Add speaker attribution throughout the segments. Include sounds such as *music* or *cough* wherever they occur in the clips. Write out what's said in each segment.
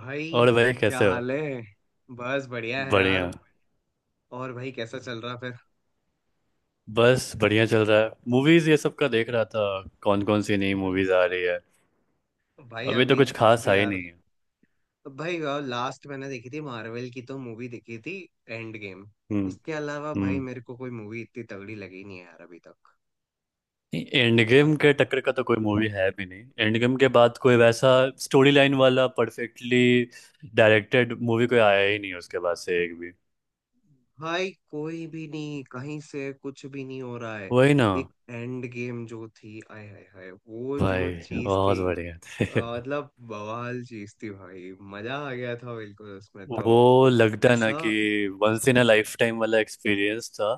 Speaker 1: भाई,
Speaker 2: और भाई
Speaker 1: क्या
Speaker 2: कैसे हो।
Speaker 1: हाल है। बस बढ़िया है यार।
Speaker 2: बढ़िया।
Speaker 1: और भाई कैसा चल रहा फिर?
Speaker 2: बस बढ़िया चल रहा है मूवीज ये सब का देख रहा था। कौन कौन सी नई
Speaker 1: अरे
Speaker 2: मूवीज आ रही है।
Speaker 1: भाई
Speaker 2: अभी तो
Speaker 1: अभी
Speaker 2: कुछ खास
Speaker 1: अभी
Speaker 2: आई
Speaker 1: यार,
Speaker 2: नहीं है।
Speaker 1: भाई लास्ट मैंने देखी थी, मार्वल की तो मूवी देखी थी, एंड गेम।
Speaker 2: हम्म।
Speaker 1: इसके अलावा भाई
Speaker 2: हम्म।
Speaker 1: मेरे को कोई मूवी इतनी तगड़ी लगी नहीं है यार अभी तक।
Speaker 2: एंड
Speaker 1: इतना
Speaker 2: गेम के टक्कर का तो कोई मूवी है भी नहीं, एंड गेम के बाद कोई वैसा स्टोरी लाइन वाला परफेक्टली डायरेक्टेड मूवी कोई आया ही नहीं उसके बाद से एक भी।
Speaker 1: भाई, कोई भी नहीं, कहीं से कुछ भी नहीं हो रहा है।
Speaker 2: वही ना।
Speaker 1: एक एंड गेम जो थी, आय हाय हाय, वो जो
Speaker 2: भाई
Speaker 1: चीज थी।
Speaker 2: बहुत बढ़िया थे।
Speaker 1: मतलब बवाल चीज थी भाई, मजा आ गया था बिल्कुल उसमें
Speaker 2: *laughs*
Speaker 1: तो।
Speaker 2: वो लगता है ना
Speaker 1: ऐसा।
Speaker 2: कि once in a lifetime वाला एक्सपीरियंस था।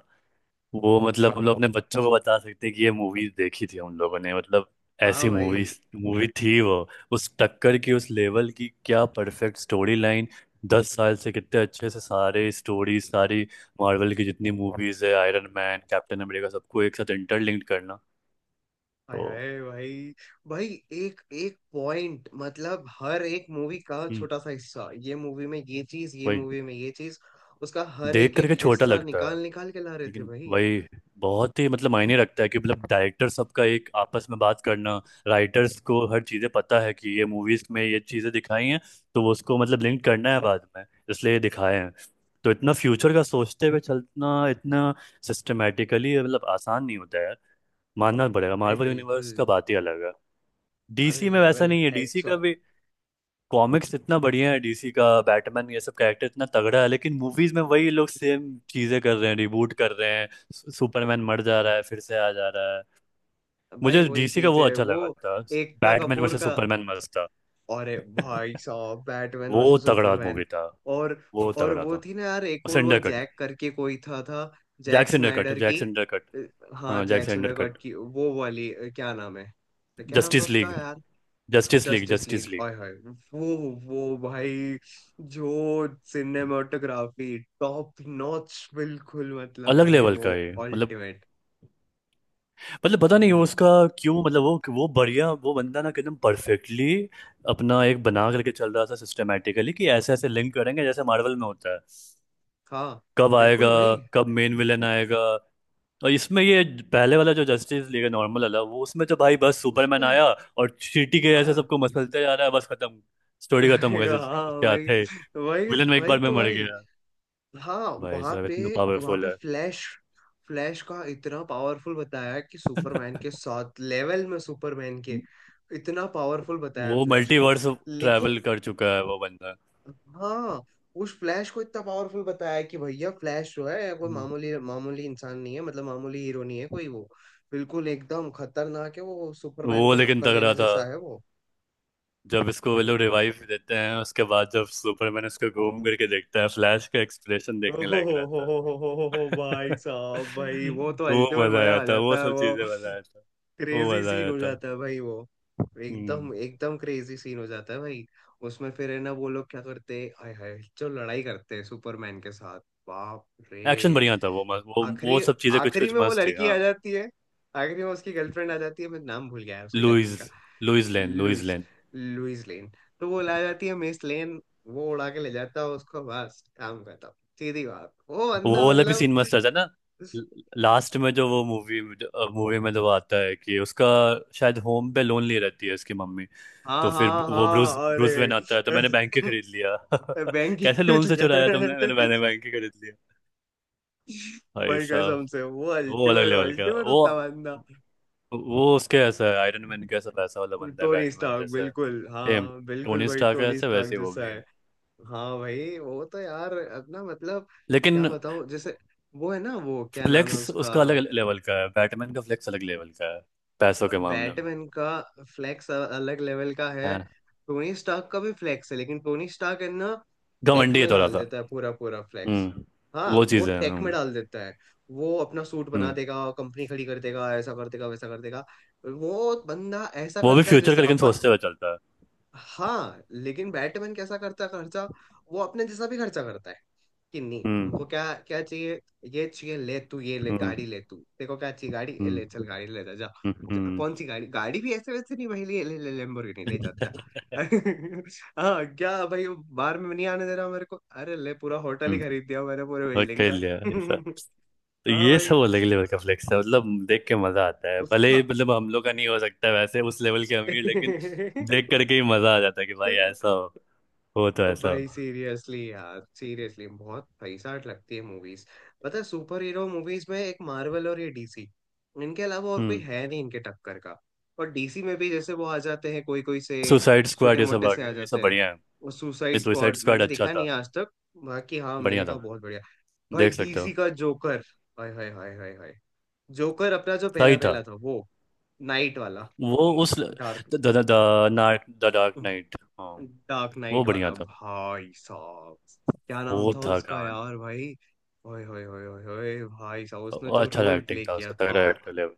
Speaker 2: वो मतलब हम लोग अपने बच्चों को बता सकते हैं कि ये मूवी देखी थी हम लोगों ने, मतलब
Speaker 1: हाँ
Speaker 2: ऐसी मूवी
Speaker 1: भाई।
Speaker 2: मूवी थी वो। उस टक्कर की उस लेवल की क्या परफेक्ट स्टोरी लाइन। 10 साल से कितने अच्छे से सारे स्टोरी सारी मार्वल की जितनी मूवीज है आयरन मैन, कैप्टन अमेरिका, सबको एक साथ इंटरलिंक्ड करना
Speaker 1: आय
Speaker 2: तो।
Speaker 1: हाय भाई। भाई एक एक पॉइंट मतलब, हर एक मूवी का
Speaker 2: हम्म,
Speaker 1: छोटा सा हिस्सा, ये मूवी में ये चीज, ये
Speaker 2: वही।
Speaker 1: मूवी में ये चीज। उसका हर
Speaker 2: देख
Speaker 1: एक एक
Speaker 2: करके छोटा
Speaker 1: हिस्सा
Speaker 2: लगता
Speaker 1: निकाल निकाल के ला रहे थे
Speaker 2: लेकिन
Speaker 1: भाई।
Speaker 2: वही बहुत ही मतलब मायने रखता है कि मतलब डायरेक्टर सबका एक आपस में बात करना, राइटर्स को हर चीज़ें पता है कि ये मूवीज में ये चीज़ें दिखाई हैं, तो वो उसको मतलब लिंक करना है बाद में, इसलिए ये दिखाए हैं। तो इतना फ्यूचर का सोचते हुए चलना इतना सिस्टमेटिकली मतलब आसान नहीं होता है यार। मानना पड़ेगा,
Speaker 1: भाई
Speaker 2: मार्वल
Speaker 1: बिल्कुल।
Speaker 2: यूनिवर्स का बात ही अलग है।
Speaker 1: अरे
Speaker 2: डीसी में वैसा
Speaker 1: लेवल
Speaker 2: नहीं है। डीसी
Speaker 1: हेड्स।
Speaker 2: का भी कॉमिक्स इतना बढ़िया है, डीसी का बैटमैन ये सब कैरेक्टर इतना तगड़ा है, लेकिन मूवीज में वही लोग सेम चीजें कर रहे हैं, रिबूट कर रहे हैं, सुपरमैन मर जा रहा है फिर से आ जा रहा है।
Speaker 1: भाई
Speaker 2: मुझे
Speaker 1: वही
Speaker 2: डीसी का
Speaker 1: चीज
Speaker 2: वो
Speaker 1: है
Speaker 2: अच्छा
Speaker 1: वो,
Speaker 2: लगा था,
Speaker 1: एकता
Speaker 2: बैटमैन
Speaker 1: कपूर
Speaker 2: वर्सेस
Speaker 1: का।
Speaker 2: सुपरमैन मस्त था।
Speaker 1: अरे भाई साहब, बैटमैन
Speaker 2: वो
Speaker 1: वर्सेस
Speaker 2: तगड़ा
Speaker 1: सुपरमैन।
Speaker 2: मूवी था।
Speaker 1: और
Speaker 2: वो
Speaker 1: और
Speaker 2: तगड़ा
Speaker 1: वो
Speaker 2: था।
Speaker 1: थी ना यार, एक और वो
Speaker 2: सिंडर कट
Speaker 1: जैक करके कोई था।
Speaker 2: Zack
Speaker 1: Zack
Speaker 2: Snyder cut
Speaker 1: Snyder
Speaker 2: Zack
Speaker 1: की।
Speaker 2: Snyder cut.
Speaker 1: अ, हाँ
Speaker 2: हाँ Zack
Speaker 1: Zack
Speaker 2: Snyder
Speaker 1: Snyder cut
Speaker 2: cut.
Speaker 1: की वो वाली, क्या नाम है, क्या नाम था
Speaker 2: जस्टिस
Speaker 1: उसका
Speaker 2: लीग
Speaker 1: यार।
Speaker 2: Justice league
Speaker 1: justice
Speaker 2: justice
Speaker 1: league,
Speaker 2: league.
Speaker 1: हाय हाय। वो वो भाई, जो सिनेमाटोग्राफी टॉप नॉच बिल्कुल, मतलब
Speaker 2: अलग
Speaker 1: भाई
Speaker 2: लेवल का
Speaker 1: वो
Speaker 2: है ये, मतलब।
Speaker 1: अल्टीमेट।
Speaker 2: मतलब पता नहीं वो
Speaker 1: भाई
Speaker 2: उसका क्यों, मतलब वो बढ़िया। वो बंदा ना एकदम परफेक्टली अपना एक बना करके चल रहा था सिस्टमेटिकली कि ऐसे ऐसे लिंक करेंगे जैसे मार्वल में होता है।
Speaker 1: हाँ
Speaker 2: कब आएगा,
Speaker 1: बिल्कुल भाई।
Speaker 2: कब मेन विलन आएगा। और इसमें ये पहले वाला जो जस्टिस लीग है नॉर्मल वाला, वो उसमें तो भाई बस सुपरमैन
Speaker 1: उसमें
Speaker 2: आया और चींटी के ऐसे
Speaker 1: आया।
Speaker 2: सबको मसलते जा रहा है, बस खत्म। स्टोरी खत्म हो
Speaker 1: *laughs*
Speaker 2: गई
Speaker 1: हाँ
Speaker 2: क्या
Speaker 1: भाई।
Speaker 2: थे,
Speaker 1: भाई।
Speaker 2: विलन में एक
Speaker 1: भाई
Speaker 2: बार में
Speaker 1: तो
Speaker 2: मर
Speaker 1: भाई
Speaker 2: गया।
Speaker 1: हाँ
Speaker 2: भाई
Speaker 1: वहां
Speaker 2: साहब
Speaker 1: पे,
Speaker 2: इतना
Speaker 1: वहां
Speaker 2: पावरफुल
Speaker 1: पे
Speaker 2: है,
Speaker 1: फ्लैश। फ्लैश का इतना पावरफुल बताया कि सुपरमैन के साथ लेवल में सुपरमैन के, इतना पावरफुल बताया
Speaker 2: वो
Speaker 1: फ्लैश को।
Speaker 2: मल्टीवर्स
Speaker 1: लेकिन
Speaker 2: ट्रैवल कर चुका है वो बंदा।
Speaker 1: हाँ। उस फ्लैश को इतना पावरफुल बताया कि भैया फ्लैश जो है कोई
Speaker 2: हम्म।
Speaker 1: मामूली मामूली इंसान नहीं है, मतलब मामूली हीरो नहीं है कोई वो। बिल्कुल एकदम खतरनाक है वो, सुपरमैन
Speaker 2: वो
Speaker 1: को
Speaker 2: लेकिन
Speaker 1: टक्कर
Speaker 2: तगड़ा
Speaker 1: देने
Speaker 2: था
Speaker 1: जैसा है वो।
Speaker 2: जब इसको वो
Speaker 1: भाई
Speaker 2: लोग रिवाइव देते हैं, उसके बाद जब सुपरमैन उसको घूम करके देखता है फ्लैश का एक्सप्रेशन देखने
Speaker 1: ओहो
Speaker 2: लायक रहता
Speaker 1: हो, भाई
Speaker 2: है। *laughs*
Speaker 1: साहब, भाई वो तो
Speaker 2: वो
Speaker 1: अल्टीमेट
Speaker 2: मजा
Speaker 1: मजा
Speaker 2: आया
Speaker 1: आ
Speaker 2: था, वो
Speaker 1: जाता है
Speaker 2: सब
Speaker 1: वो।
Speaker 2: चीजें मजा आया था। वो
Speaker 1: क्रेजी
Speaker 2: मजा
Speaker 1: सीन
Speaker 2: आया
Speaker 1: हो
Speaker 2: था।
Speaker 1: जाता है भाई वो।
Speaker 2: हम्म।
Speaker 1: एकदम एकदम क्रेजी सीन हो जाता है भाई। उसमें फिर है ना, वो लोग क्या करते हैं, आय हाय, जो लड़ाई करते हैं सुपरमैन के साथ। बाप
Speaker 2: एक्शन
Speaker 1: रे।
Speaker 2: बढ़िया था, वो मस्त, वो
Speaker 1: आखिरी
Speaker 2: सब चीजें कुछ
Speaker 1: आखिरी
Speaker 2: कुछ
Speaker 1: में वो
Speaker 2: मस्त थी
Speaker 1: लड़की आ
Speaker 2: हाँ।
Speaker 1: जाती है, आखिरी में उसकी गर्लफ्रेंड आ जाती है, मैं नाम भूल गया है उसके गर्लफ्रेंड
Speaker 2: लुइस,
Speaker 1: का।
Speaker 2: Lois Lane, Lois
Speaker 1: Lois,
Speaker 2: Lane.
Speaker 1: Lois Lane. तो वो ला जाती है मिस लेन, वो उड़ा के ले जाता है उसको, बस काम खत्म। सीधी बात, वो बंदा
Speaker 2: वो वाला भी
Speaker 1: मतलब।
Speaker 2: सीन मस्त था ना। लास्ट में जो वो मूवी मूवी में जो वो आता है कि उसका शायद होम पे लोन ले रहती है उसकी मम्मी, तो
Speaker 1: हाँ
Speaker 2: फिर
Speaker 1: हाँ
Speaker 2: वो ब्रूस
Speaker 1: हाँ,
Speaker 2: ब्रूस वेन
Speaker 1: अरे।
Speaker 2: आता है तो मैंने बैंक के खरीद लिया। *laughs*
Speaker 1: *laughs* बैंक ही
Speaker 2: कैसे
Speaker 1: खरीद
Speaker 2: लोन से चुराया तुमने, मैंने
Speaker 1: लिया।
Speaker 2: मैंने बैंक
Speaker 1: *laughs*
Speaker 2: के खरीद लिया। भाई
Speaker 1: भाई
Speaker 2: साहब
Speaker 1: कसम से, वो
Speaker 2: वो अलग
Speaker 1: अल्टीमेट
Speaker 2: लेवल का।
Speaker 1: अल्टीमेट
Speaker 2: वो
Speaker 1: होता बंदा।
Speaker 2: वो उसके ऐसा है, आयरन मैन के ऐसा वैसा वाला बंदा है
Speaker 1: टोनी
Speaker 2: बैटमैन
Speaker 1: स्टार्क,
Speaker 2: जैसा।
Speaker 1: बिल्कुल
Speaker 2: सेम
Speaker 1: हाँ, बिल्कुल
Speaker 2: टोनी
Speaker 1: भाई
Speaker 2: स्टार्क है,
Speaker 1: टोनी
Speaker 2: ऐसे
Speaker 1: स्टार्क
Speaker 2: वैसे ही वो
Speaker 1: जैसा
Speaker 2: भी है
Speaker 1: है। हाँ भाई वो तो यार अपना मतलब, क्या
Speaker 2: लेकिन।
Speaker 1: बताओ जैसे। वो है ना, वो क्या नाम है
Speaker 2: फ्लेक्स
Speaker 1: उसका,
Speaker 2: उसका अलग लेवल का है, बैटमैन का फ्लेक्स अलग लेवल का है पैसों के मामले में
Speaker 1: बैटमैन का फ्लैक्स अलग लेवल का
Speaker 2: है।
Speaker 1: है। टोनी स्टार्क का भी फ्लैक्स है, लेकिन टोनी स्टार्क है ना, टेक
Speaker 2: घमंडी है
Speaker 1: में
Speaker 2: थोड़ा
Speaker 1: डाल
Speaker 2: सा।
Speaker 1: देता है पूरा, पूरा फ्लैक्स।
Speaker 2: हम्म।
Speaker 1: हाँ,
Speaker 2: वो
Speaker 1: वो
Speaker 2: चीज़ है।
Speaker 1: टेक में
Speaker 2: हम्म।
Speaker 1: डाल देता है। वो अपना सूट बना
Speaker 2: हम्म।
Speaker 1: देगा, कंपनी खड़ी कर देगा, ऐसा कर देगा, वैसा कर देगा। वो बंदा ऐसा
Speaker 2: वो भी
Speaker 1: करता है
Speaker 2: फ्यूचर
Speaker 1: जैसे
Speaker 2: का लेकिन
Speaker 1: अपन।
Speaker 2: सोचते हुए चलता है।
Speaker 1: हाँ लेकिन बैटमैन कैसा करता है खर्चा, वो अपने जैसा भी खर्चा करता है, कि नहीं
Speaker 2: हम्म।
Speaker 1: तुमको क्या क्या चाहिए, ये चाहिए ले तू, ये ले
Speaker 2: हम्म।
Speaker 1: गाड़ी, ले तू देखो क्या चाहिए गाड़ी, ये ले चल
Speaker 2: हम्म
Speaker 1: गाड़ी, ले जा, जा,
Speaker 2: हम्म।
Speaker 1: जा,
Speaker 2: हम्म।
Speaker 1: कौन सी गाड़ी, गाड़ी भी ऐसे वैसे नहीं भाई, ले ले ले Lamborghini, ले जा जा।
Speaker 2: *laughs*
Speaker 1: *laughs* हाँ क्या भाई, बाहर में नहीं आने दे रहा मेरे को, अरे ले पूरा होटल ही
Speaker 2: हम्म,
Speaker 1: खरीद दिया मैंने पूरे
Speaker 2: और
Speaker 1: बिल्डिंग
Speaker 2: कर
Speaker 1: का।
Speaker 2: लिया ऐसा। तो
Speaker 1: *laughs* हाँ
Speaker 2: ये
Speaker 1: भाई
Speaker 2: सब अलग लेवल का फ्लेक्स है, मतलब देख के मजा आता है भले ही,
Speaker 1: उसका।
Speaker 2: मतलब हम लोग का नहीं हो सकता वैसे उस लेवल के अमीर लेकिन देख करके ही मजा आ जाता है कि भाई ऐसा
Speaker 1: *laughs*
Speaker 2: हो तो
Speaker 1: अब
Speaker 2: ऐसा
Speaker 1: भाई
Speaker 2: हो।
Speaker 1: सीरियसली यार, सीरियसली बहुत पैसा लगती है मूवीज, पता है, सुपर हीरो मूवीज में एक मार्वल और ये डीसी, इनके अलावा और कोई
Speaker 2: हम्म।
Speaker 1: है नहीं इनके टक्कर का। और डीसी में भी जैसे वो आ जाते हैं, कोई कोई से
Speaker 2: सुसाइड
Speaker 1: छोटे
Speaker 2: स्क्वाड ये सब
Speaker 1: मोटे
Speaker 2: आ
Speaker 1: से आ
Speaker 2: गया ये सब
Speaker 1: जाते हैं।
Speaker 2: बढ़िया है।
Speaker 1: वो सुसाइड
Speaker 2: इस सुसाइड
Speaker 1: स्क्वाड
Speaker 2: स्क्वाड
Speaker 1: मैंने
Speaker 2: अच्छा
Speaker 1: देखा
Speaker 2: था,
Speaker 1: नहीं आज तक। बाकी हाँ, मैंने
Speaker 2: बढ़िया
Speaker 1: कहा
Speaker 2: था,
Speaker 1: बहुत बढ़िया। भाई
Speaker 2: देख सकते
Speaker 1: डीसी
Speaker 2: हो।
Speaker 1: का जोकर, हाय हाय हाय हाय हाय, जोकर अपना जो पहला
Speaker 2: सही था
Speaker 1: पहला था वो नाइट वाला,
Speaker 2: वो, उस the
Speaker 1: dark,
Speaker 2: the dark knight, हाँ।
Speaker 1: डार्क
Speaker 2: वो
Speaker 1: नाइट
Speaker 2: बढ़िया
Speaker 1: वाला
Speaker 2: था।
Speaker 1: भाई साहब। क्या
Speaker 2: वो
Speaker 1: नाम था
Speaker 2: था
Speaker 1: उसका
Speaker 2: कहानी,
Speaker 1: यार भाई। ओए होए होए होए होए, भाई साहब उसने
Speaker 2: और
Speaker 1: जो
Speaker 2: अच्छा
Speaker 1: रोल
Speaker 2: एक्टिंग
Speaker 1: प्ले
Speaker 2: था
Speaker 1: किया
Speaker 2: उसका,
Speaker 1: था,
Speaker 2: तगड़ा एक्टर लेवल।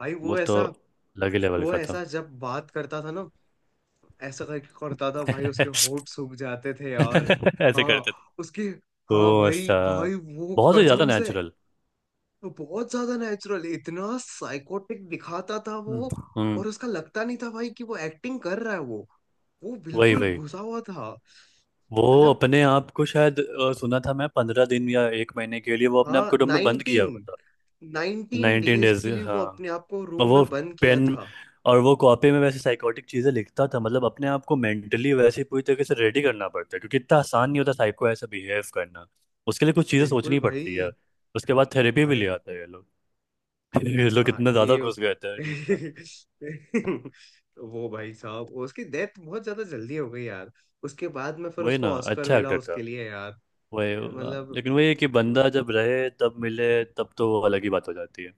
Speaker 1: भाई
Speaker 2: वो
Speaker 1: वो
Speaker 2: तो
Speaker 1: ऐसा,
Speaker 2: अलग ही लेवल
Speaker 1: वो
Speaker 2: का था।
Speaker 1: ऐसा जब बात करता था ना, ऐसा करके करता था भाई, उसके होंठ
Speaker 2: *laughs*
Speaker 1: सूख जाते थे यार।
Speaker 2: ऐसे
Speaker 1: हाँ
Speaker 2: करते थे
Speaker 1: उसके, हाँ
Speaker 2: तो,
Speaker 1: भाई
Speaker 2: अच्छा,
Speaker 1: भाई वो
Speaker 2: बहुत ही ज्यादा
Speaker 1: कसम से
Speaker 2: नेचुरल।
Speaker 1: वो बहुत ज्यादा नेचुरल, इतना साइकोटिक दिखाता था
Speaker 2: हम्म।
Speaker 1: वो।
Speaker 2: हम्म।
Speaker 1: और उसका लगता नहीं था भाई कि वो एक्टिंग कर रहा है वो
Speaker 2: वही
Speaker 1: बिल्कुल
Speaker 2: वही।
Speaker 1: घुसा हुआ था।
Speaker 2: वो
Speaker 1: मतलब।
Speaker 2: अपने आप को शायद सुना था मैं 15 दिन या एक महीने के लिए वो अपने आप
Speaker 1: हाँ
Speaker 2: को रूम में बंद किया
Speaker 1: नाइनटीन
Speaker 2: हुआ था।
Speaker 1: नाइनटीन
Speaker 2: नाइनटीन
Speaker 1: डेज
Speaker 2: डेज
Speaker 1: के लिए
Speaker 2: हाँ।
Speaker 1: वो अपने आप को रूम
Speaker 2: और वो
Speaker 1: में बंद किया
Speaker 2: पेन
Speaker 1: था।
Speaker 2: और वो कॉपी में वैसे साइकोटिक चीजें लिखता था, मतलब अपने आप को मेंटली वैसे पूरी तरीके से रेडी करना पड़ता है क्योंकि इतना आसान नहीं होता साइक को ऐसा बिहेव करना। उसके लिए कुछ चीजें
Speaker 1: बिल्कुल
Speaker 2: सोचनी पड़ती है।
Speaker 1: भाई।
Speaker 2: उसके बाद थेरेपी भी ले
Speaker 1: अरे,
Speaker 2: आता है ये लोग। *laughs* ये लोग
Speaker 1: हाँ
Speaker 2: इतना ज्यादा
Speaker 1: ये।
Speaker 2: घुस गए थे डीप।
Speaker 1: *laughs* वो भाई साहब, उसकी डेथ बहुत ज्यादा जल्दी हो गई यार, उसके बाद में फिर
Speaker 2: वही ना,
Speaker 1: उसको ऑस्कर
Speaker 2: अच्छा
Speaker 1: मिला
Speaker 2: एक्टर था।
Speaker 1: उसके लिए यार।
Speaker 2: वही
Speaker 1: मतलब
Speaker 2: लेकिन वही है कि
Speaker 1: वो,
Speaker 2: बंदा जब रहे तब मिले तब तो वो अलग ही बात हो जाती है।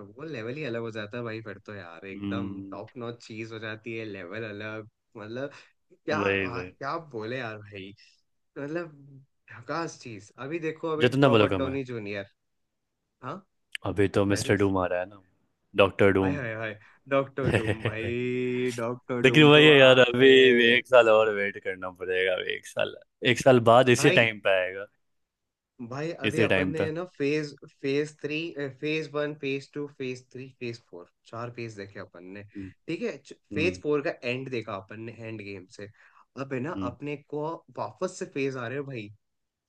Speaker 1: वो लेवल ही अलग हो जाता है भाई फिर तो यार, एकदम
Speaker 2: हम्म।
Speaker 1: टॉप नॉच चीज हो जाती है, लेवल अलग। मतलब क्या।
Speaker 2: वही
Speaker 1: हाँ,
Speaker 2: वही।
Speaker 1: क्या बोले यार भाई। मतलब झकास चीज, अभी देखो अभी
Speaker 2: जितना बोलो
Speaker 1: रॉबर्ट
Speaker 2: कम है।
Speaker 1: Donny junior. हाँ।
Speaker 2: अभी तो
Speaker 1: क्या
Speaker 2: मिस्टर
Speaker 1: चीज।
Speaker 2: डूम आ रहा है ना, डॉक्टर
Speaker 1: हाय
Speaker 2: डूम।
Speaker 1: हाय हाय। डॉक्टर डूम
Speaker 2: *laughs*
Speaker 1: भाई, डॉक्टर
Speaker 2: लेकिन
Speaker 1: डूम
Speaker 2: वही
Speaker 1: तो
Speaker 2: है यार
Speaker 1: आप
Speaker 2: अभी
Speaker 1: रे।
Speaker 2: भी एक साल और वेट करना पड़ेगा, अभी एक साल, एक साल बाद इसी
Speaker 1: भाई
Speaker 2: टाइम पे आएगा।
Speaker 1: भाई अभी
Speaker 2: इसी
Speaker 1: अपन
Speaker 2: टाइम पे।
Speaker 1: ने ना phase, phase 3, phase 1, phase 2, phase 3, phase 4, 4 phase देखे अपन ने।
Speaker 2: हम्म।
Speaker 1: ठीक है। फेज
Speaker 2: हम्म।
Speaker 1: फोर का एंड देखा अपन ने एंड गेम से। अब है ना
Speaker 2: हम्म।
Speaker 1: अपने को, वापस से फेज आ रहे हो भाई।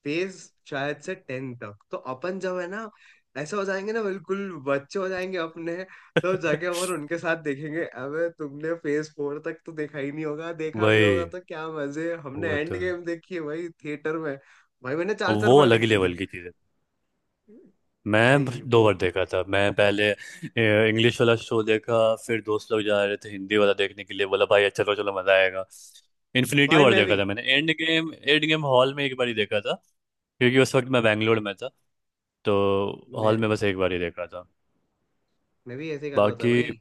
Speaker 1: फेज शायद से 10 तक तो अपन जब है ना, ऐसा हो जाएंगे ना, बिल्कुल बच्चे हो जाएंगे अपने। तब जाके और
Speaker 2: *laughs*
Speaker 1: उनके साथ देखेंगे, अबे तुमने फेज 4 तक तो देखा ही नहीं होगा, देखा भी
Speaker 2: वही।
Speaker 1: होगा तो क्या मजे, हमने
Speaker 2: वो
Speaker 1: एंड
Speaker 2: तो
Speaker 1: गेम देखी है भाई थिएटर में। भाई मैंने चार चार
Speaker 2: वो
Speaker 1: बार
Speaker 2: अलग ही
Speaker 1: देखी थी।
Speaker 2: लेवल की चीज है। मैं
Speaker 1: भाई
Speaker 2: दो
Speaker 1: वो।
Speaker 2: बार देखा था मैं। पहले इंग्लिश वाला शो देखा, फिर दोस्त लोग जा रहे थे हिंदी वाला देखने के लिए, बोला भाई अच्छा चलो चलो मजा आएगा। इन्फिनिटी
Speaker 1: भाई
Speaker 2: वॉर
Speaker 1: मैं
Speaker 2: देखा
Speaker 1: भी
Speaker 2: था मैंने। Endgame, Endgame hall में एक बार ही देखा था क्योंकि उस वक्त मैं बैंगलोर में था तो। हॉल
Speaker 1: मैं
Speaker 2: में बस एक बार ही देखा था
Speaker 1: मैं भी ऐसे ही कर रहा था
Speaker 2: बाकी।
Speaker 1: भाई।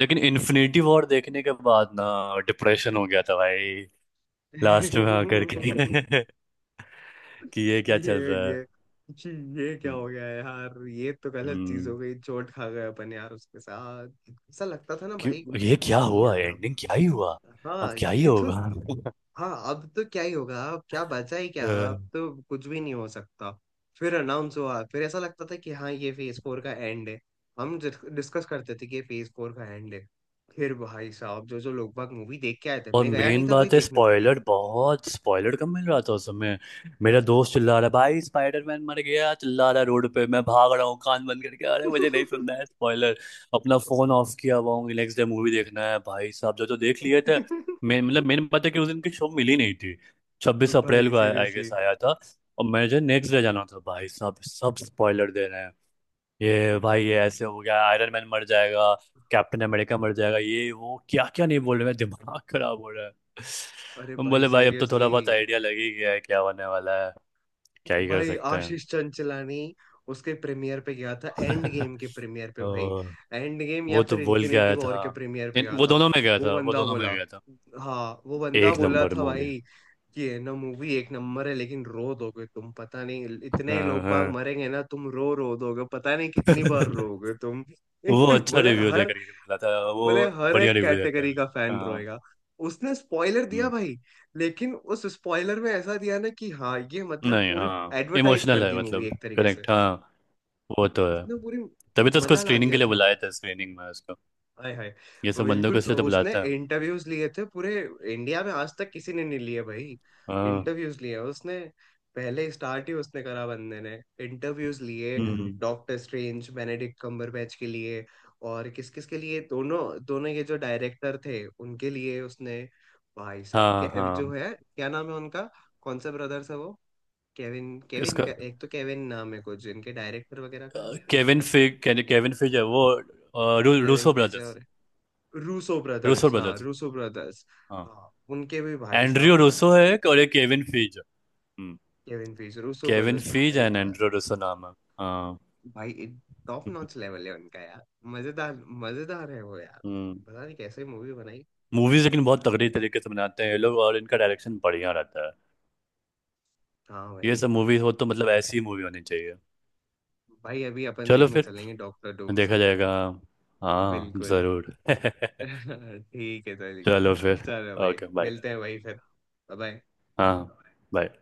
Speaker 2: लेकिन इन्फिनिटी वॉर देखने के बाद ना डिप्रेशन हो गया था भाई, लास्ट में आकर
Speaker 1: *laughs*
Speaker 2: के। *laughs* कि ये क्या
Speaker 1: ये
Speaker 2: चल रहा है,
Speaker 1: ये जी, ये क्या
Speaker 2: हम्म,
Speaker 1: हो गया यार, ये तो गलत चीज
Speaker 2: हम्म,
Speaker 1: हो गई, चोट खा गए अपन यार, उसके साथ ऐसा लगता था ना
Speaker 2: क्यों
Speaker 1: भाई
Speaker 2: ये क्या
Speaker 1: कि नहीं
Speaker 2: हुआ,
Speaker 1: यार अब।
Speaker 2: एंडिंग क्या ही हुआ, अब
Speaker 1: हाँ
Speaker 2: क्या ही
Speaker 1: ये तो,
Speaker 2: होगा।
Speaker 1: हाँ अब तो क्या ही होगा, अब क्या बचा, ही क्या अब
Speaker 2: *laughs*
Speaker 1: तो कुछ भी नहीं हो सकता। फिर अनाउंस हुआ, फिर ऐसा लगता था कि हाँ ये फेज 4 का एंड है। हम डिस्कस करते थे कि ये फेज 4 का एंड है। फिर भाई साहब जो जो लोग बाग मूवी देख के आए थे,
Speaker 2: और
Speaker 1: मैं गया नहीं
Speaker 2: मेन
Speaker 1: था भाई
Speaker 2: बात है
Speaker 1: देखने मूवी।
Speaker 2: स्पॉइलर बहुत, स्पॉइलर कम मिल रहा था उस समय। मेरा दोस्त चिल्ला रहा है, भाई स्पाइडरमैन मर गया, चिल्ला रहा है रोड पे, मैं भाग रहा हूँ कान बंद करके, अरे मुझे नहीं सुनना है स्पॉइलर। अपना फोन ऑफ किया हुआ हूँ, नेक्स्ट डे मूवी देखना है, भाई साहब जो जो देख लिए थे। मैं मतलब
Speaker 1: *laughs*
Speaker 2: मेन बात है कि उस दिन की शो मिली नहीं थी। 26 अप्रैल
Speaker 1: भाई
Speaker 2: को आई
Speaker 1: सीरियसली
Speaker 2: गेस आया था, और मुझे नेक्स्ट डे जाना था। भाई साहब सब स्पॉइलर दे रहे हैं, ये भाई ये
Speaker 1: भाई।
Speaker 2: ऐसे हो गया, आयरन मैन मर जाएगा, कैप्टन अमेरिका मर जाएगा, ये वो क्या क्या नहीं बोल रहे, मैं दिमाग खराब हो रहा है।
Speaker 1: अरे
Speaker 2: हम
Speaker 1: भाई
Speaker 2: बोले भाई अब तो थोड़ा
Speaker 1: सीरियसली।
Speaker 2: बहुत आइडिया लग ही गया है क्या होने वाला है, क्या ही कर
Speaker 1: भाई
Speaker 2: सकते हैं।
Speaker 1: आशीष चंचलानी, उसके प्रीमियर पे गया था एंड
Speaker 2: *laughs*
Speaker 1: गेम के
Speaker 2: तो
Speaker 1: प्रीमियर पे भाई। एंड गेम या
Speaker 2: वो तो
Speaker 1: फिर
Speaker 2: बोल के
Speaker 1: इन्फिनिटी
Speaker 2: आया
Speaker 1: वॉर
Speaker 2: था।
Speaker 1: के प्रीमियर पे गया
Speaker 2: वो
Speaker 1: था।
Speaker 2: दोनों में गया
Speaker 1: वो
Speaker 2: था, वो
Speaker 1: बंदा
Speaker 2: दोनों में
Speaker 1: बोला,
Speaker 2: गया था।
Speaker 1: हाँ वो बंदा
Speaker 2: एक
Speaker 1: बोला
Speaker 2: नंबर
Speaker 1: था
Speaker 2: मूवी।
Speaker 1: भाई, कि है ना मूवी एक नंबर है, लेकिन रो दोगे तुम, पता नहीं इतने
Speaker 2: हाँ
Speaker 1: लोग बाग
Speaker 2: हाँ।
Speaker 1: मरेंगे ना, तुम रो रो दोगे, पता नहीं कितनी बार
Speaker 2: *laughs*
Speaker 1: रोगे तुम।
Speaker 2: वो
Speaker 1: *laughs*
Speaker 2: अच्छा
Speaker 1: बोले
Speaker 2: रिव्यू दे
Speaker 1: हर
Speaker 2: करके बोला था वो,
Speaker 1: बोले हर
Speaker 2: बढ़िया
Speaker 1: एक
Speaker 2: रिव्यू देता
Speaker 1: कैटेगरी
Speaker 2: है।
Speaker 1: का फैन
Speaker 2: हाँ।
Speaker 1: रोएगा। उसने स्पॉइलर दिया
Speaker 2: हम्म,
Speaker 1: भाई, लेकिन उस स्पॉइलर में ऐसा दिया ना कि हाँ ये मतलब
Speaker 2: नहीं
Speaker 1: पूरी
Speaker 2: हाँ
Speaker 1: एडवर्टाइज
Speaker 2: इमोशनल
Speaker 1: कर
Speaker 2: है
Speaker 1: दी मूवी
Speaker 2: मतलब,
Speaker 1: एक तरीके से।
Speaker 2: करेक्ट हाँ। वो तो है,
Speaker 1: उसने पूरी
Speaker 2: तभी तो उसको
Speaker 1: मजा ला
Speaker 2: स्क्रीनिंग के
Speaker 1: दिया
Speaker 2: लिए
Speaker 1: था।
Speaker 2: बुलाया था, स्क्रीनिंग में उसको
Speaker 1: हाय हाय।
Speaker 2: ये सब बंदों को
Speaker 1: बिल्कुल,
Speaker 2: इसलिए तो
Speaker 1: उसने
Speaker 2: बुलाता है।
Speaker 1: इंटरव्यूज लिए थे पूरे, इंडिया में आज तक किसी ने नहीं लिए भाई।
Speaker 2: हाँ।
Speaker 1: इंटरव्यूज लिए उसने, पहले स्टार्ट ही उसने करा बंदे ने, इंटरव्यूज लिए,
Speaker 2: हम्म।
Speaker 1: डॉक्टर स्ट्रेंज, बेनेडिक्ट कम्बरबैच के लिए, और किस किस के लिए, दोनों, दोनों ये जो डायरेक्टर थे उनके लिए उसने। भाई साहब
Speaker 2: हाँ
Speaker 1: के जो
Speaker 2: हाँ।
Speaker 1: है, क्या नाम है उनका, कौन सा ब्रदर्स है वो, केविन, केविन
Speaker 2: इसका
Speaker 1: का एक तो केविन नाम है कुछ इनके डायरेक्टर वगैरह का। एक
Speaker 2: केविन फिग, केविन फिज है वो
Speaker 1: केविन
Speaker 2: रूसो
Speaker 1: फेज है
Speaker 2: ब्रदर्स।
Speaker 1: और, रूसो
Speaker 2: रूसो
Speaker 1: ब्रदर्स, हाँ
Speaker 2: ब्रदर्स
Speaker 1: रूसो ब्रदर्स।
Speaker 2: हाँ।
Speaker 1: हाँ उनके भी भाई
Speaker 2: एंड्रयू
Speaker 1: साहब
Speaker 2: रूसो
Speaker 1: मतलब,
Speaker 2: है एक और एक केविन फिज। हम्म।
Speaker 1: केविन पीस रूसो
Speaker 2: केविन
Speaker 1: ब्रदर्स
Speaker 2: फिज
Speaker 1: भाई।
Speaker 2: एंड एंड्रयू रूसो नाम है। हाँ।
Speaker 1: भाई टॉप नॉच लेवल है उनका यार। मजेदार, मजेदार है वो यार।
Speaker 2: हम्म।
Speaker 1: पता नहीं कैसे मूवी बनाई।
Speaker 2: मूवीज लेकिन बहुत तगड़ी तरीके से बनाते हैं ये लोग और इनका डायरेक्शन बढ़िया रहता है।
Speaker 1: हाँ
Speaker 2: ये
Speaker 1: भाई।
Speaker 2: सब मूवी हो तो मतलब ऐसी मूवी होनी चाहिए।
Speaker 1: भाई अभी अपन
Speaker 2: चलो
Speaker 1: देखने
Speaker 2: फिर,
Speaker 1: चलेंगे डॉक्टर
Speaker 2: देखा
Speaker 1: डूम्सडे।
Speaker 2: जाएगा। हाँ
Speaker 1: बिल्कुल।
Speaker 2: जरूर। *laughs*
Speaker 1: *laughs* ठीक है, चलेंगे।
Speaker 2: चलो फिर।
Speaker 1: चलो भाई,
Speaker 2: ओके बाय।
Speaker 1: मिलते हैं भाई फिर। बाय।
Speaker 2: हाँ। बाय।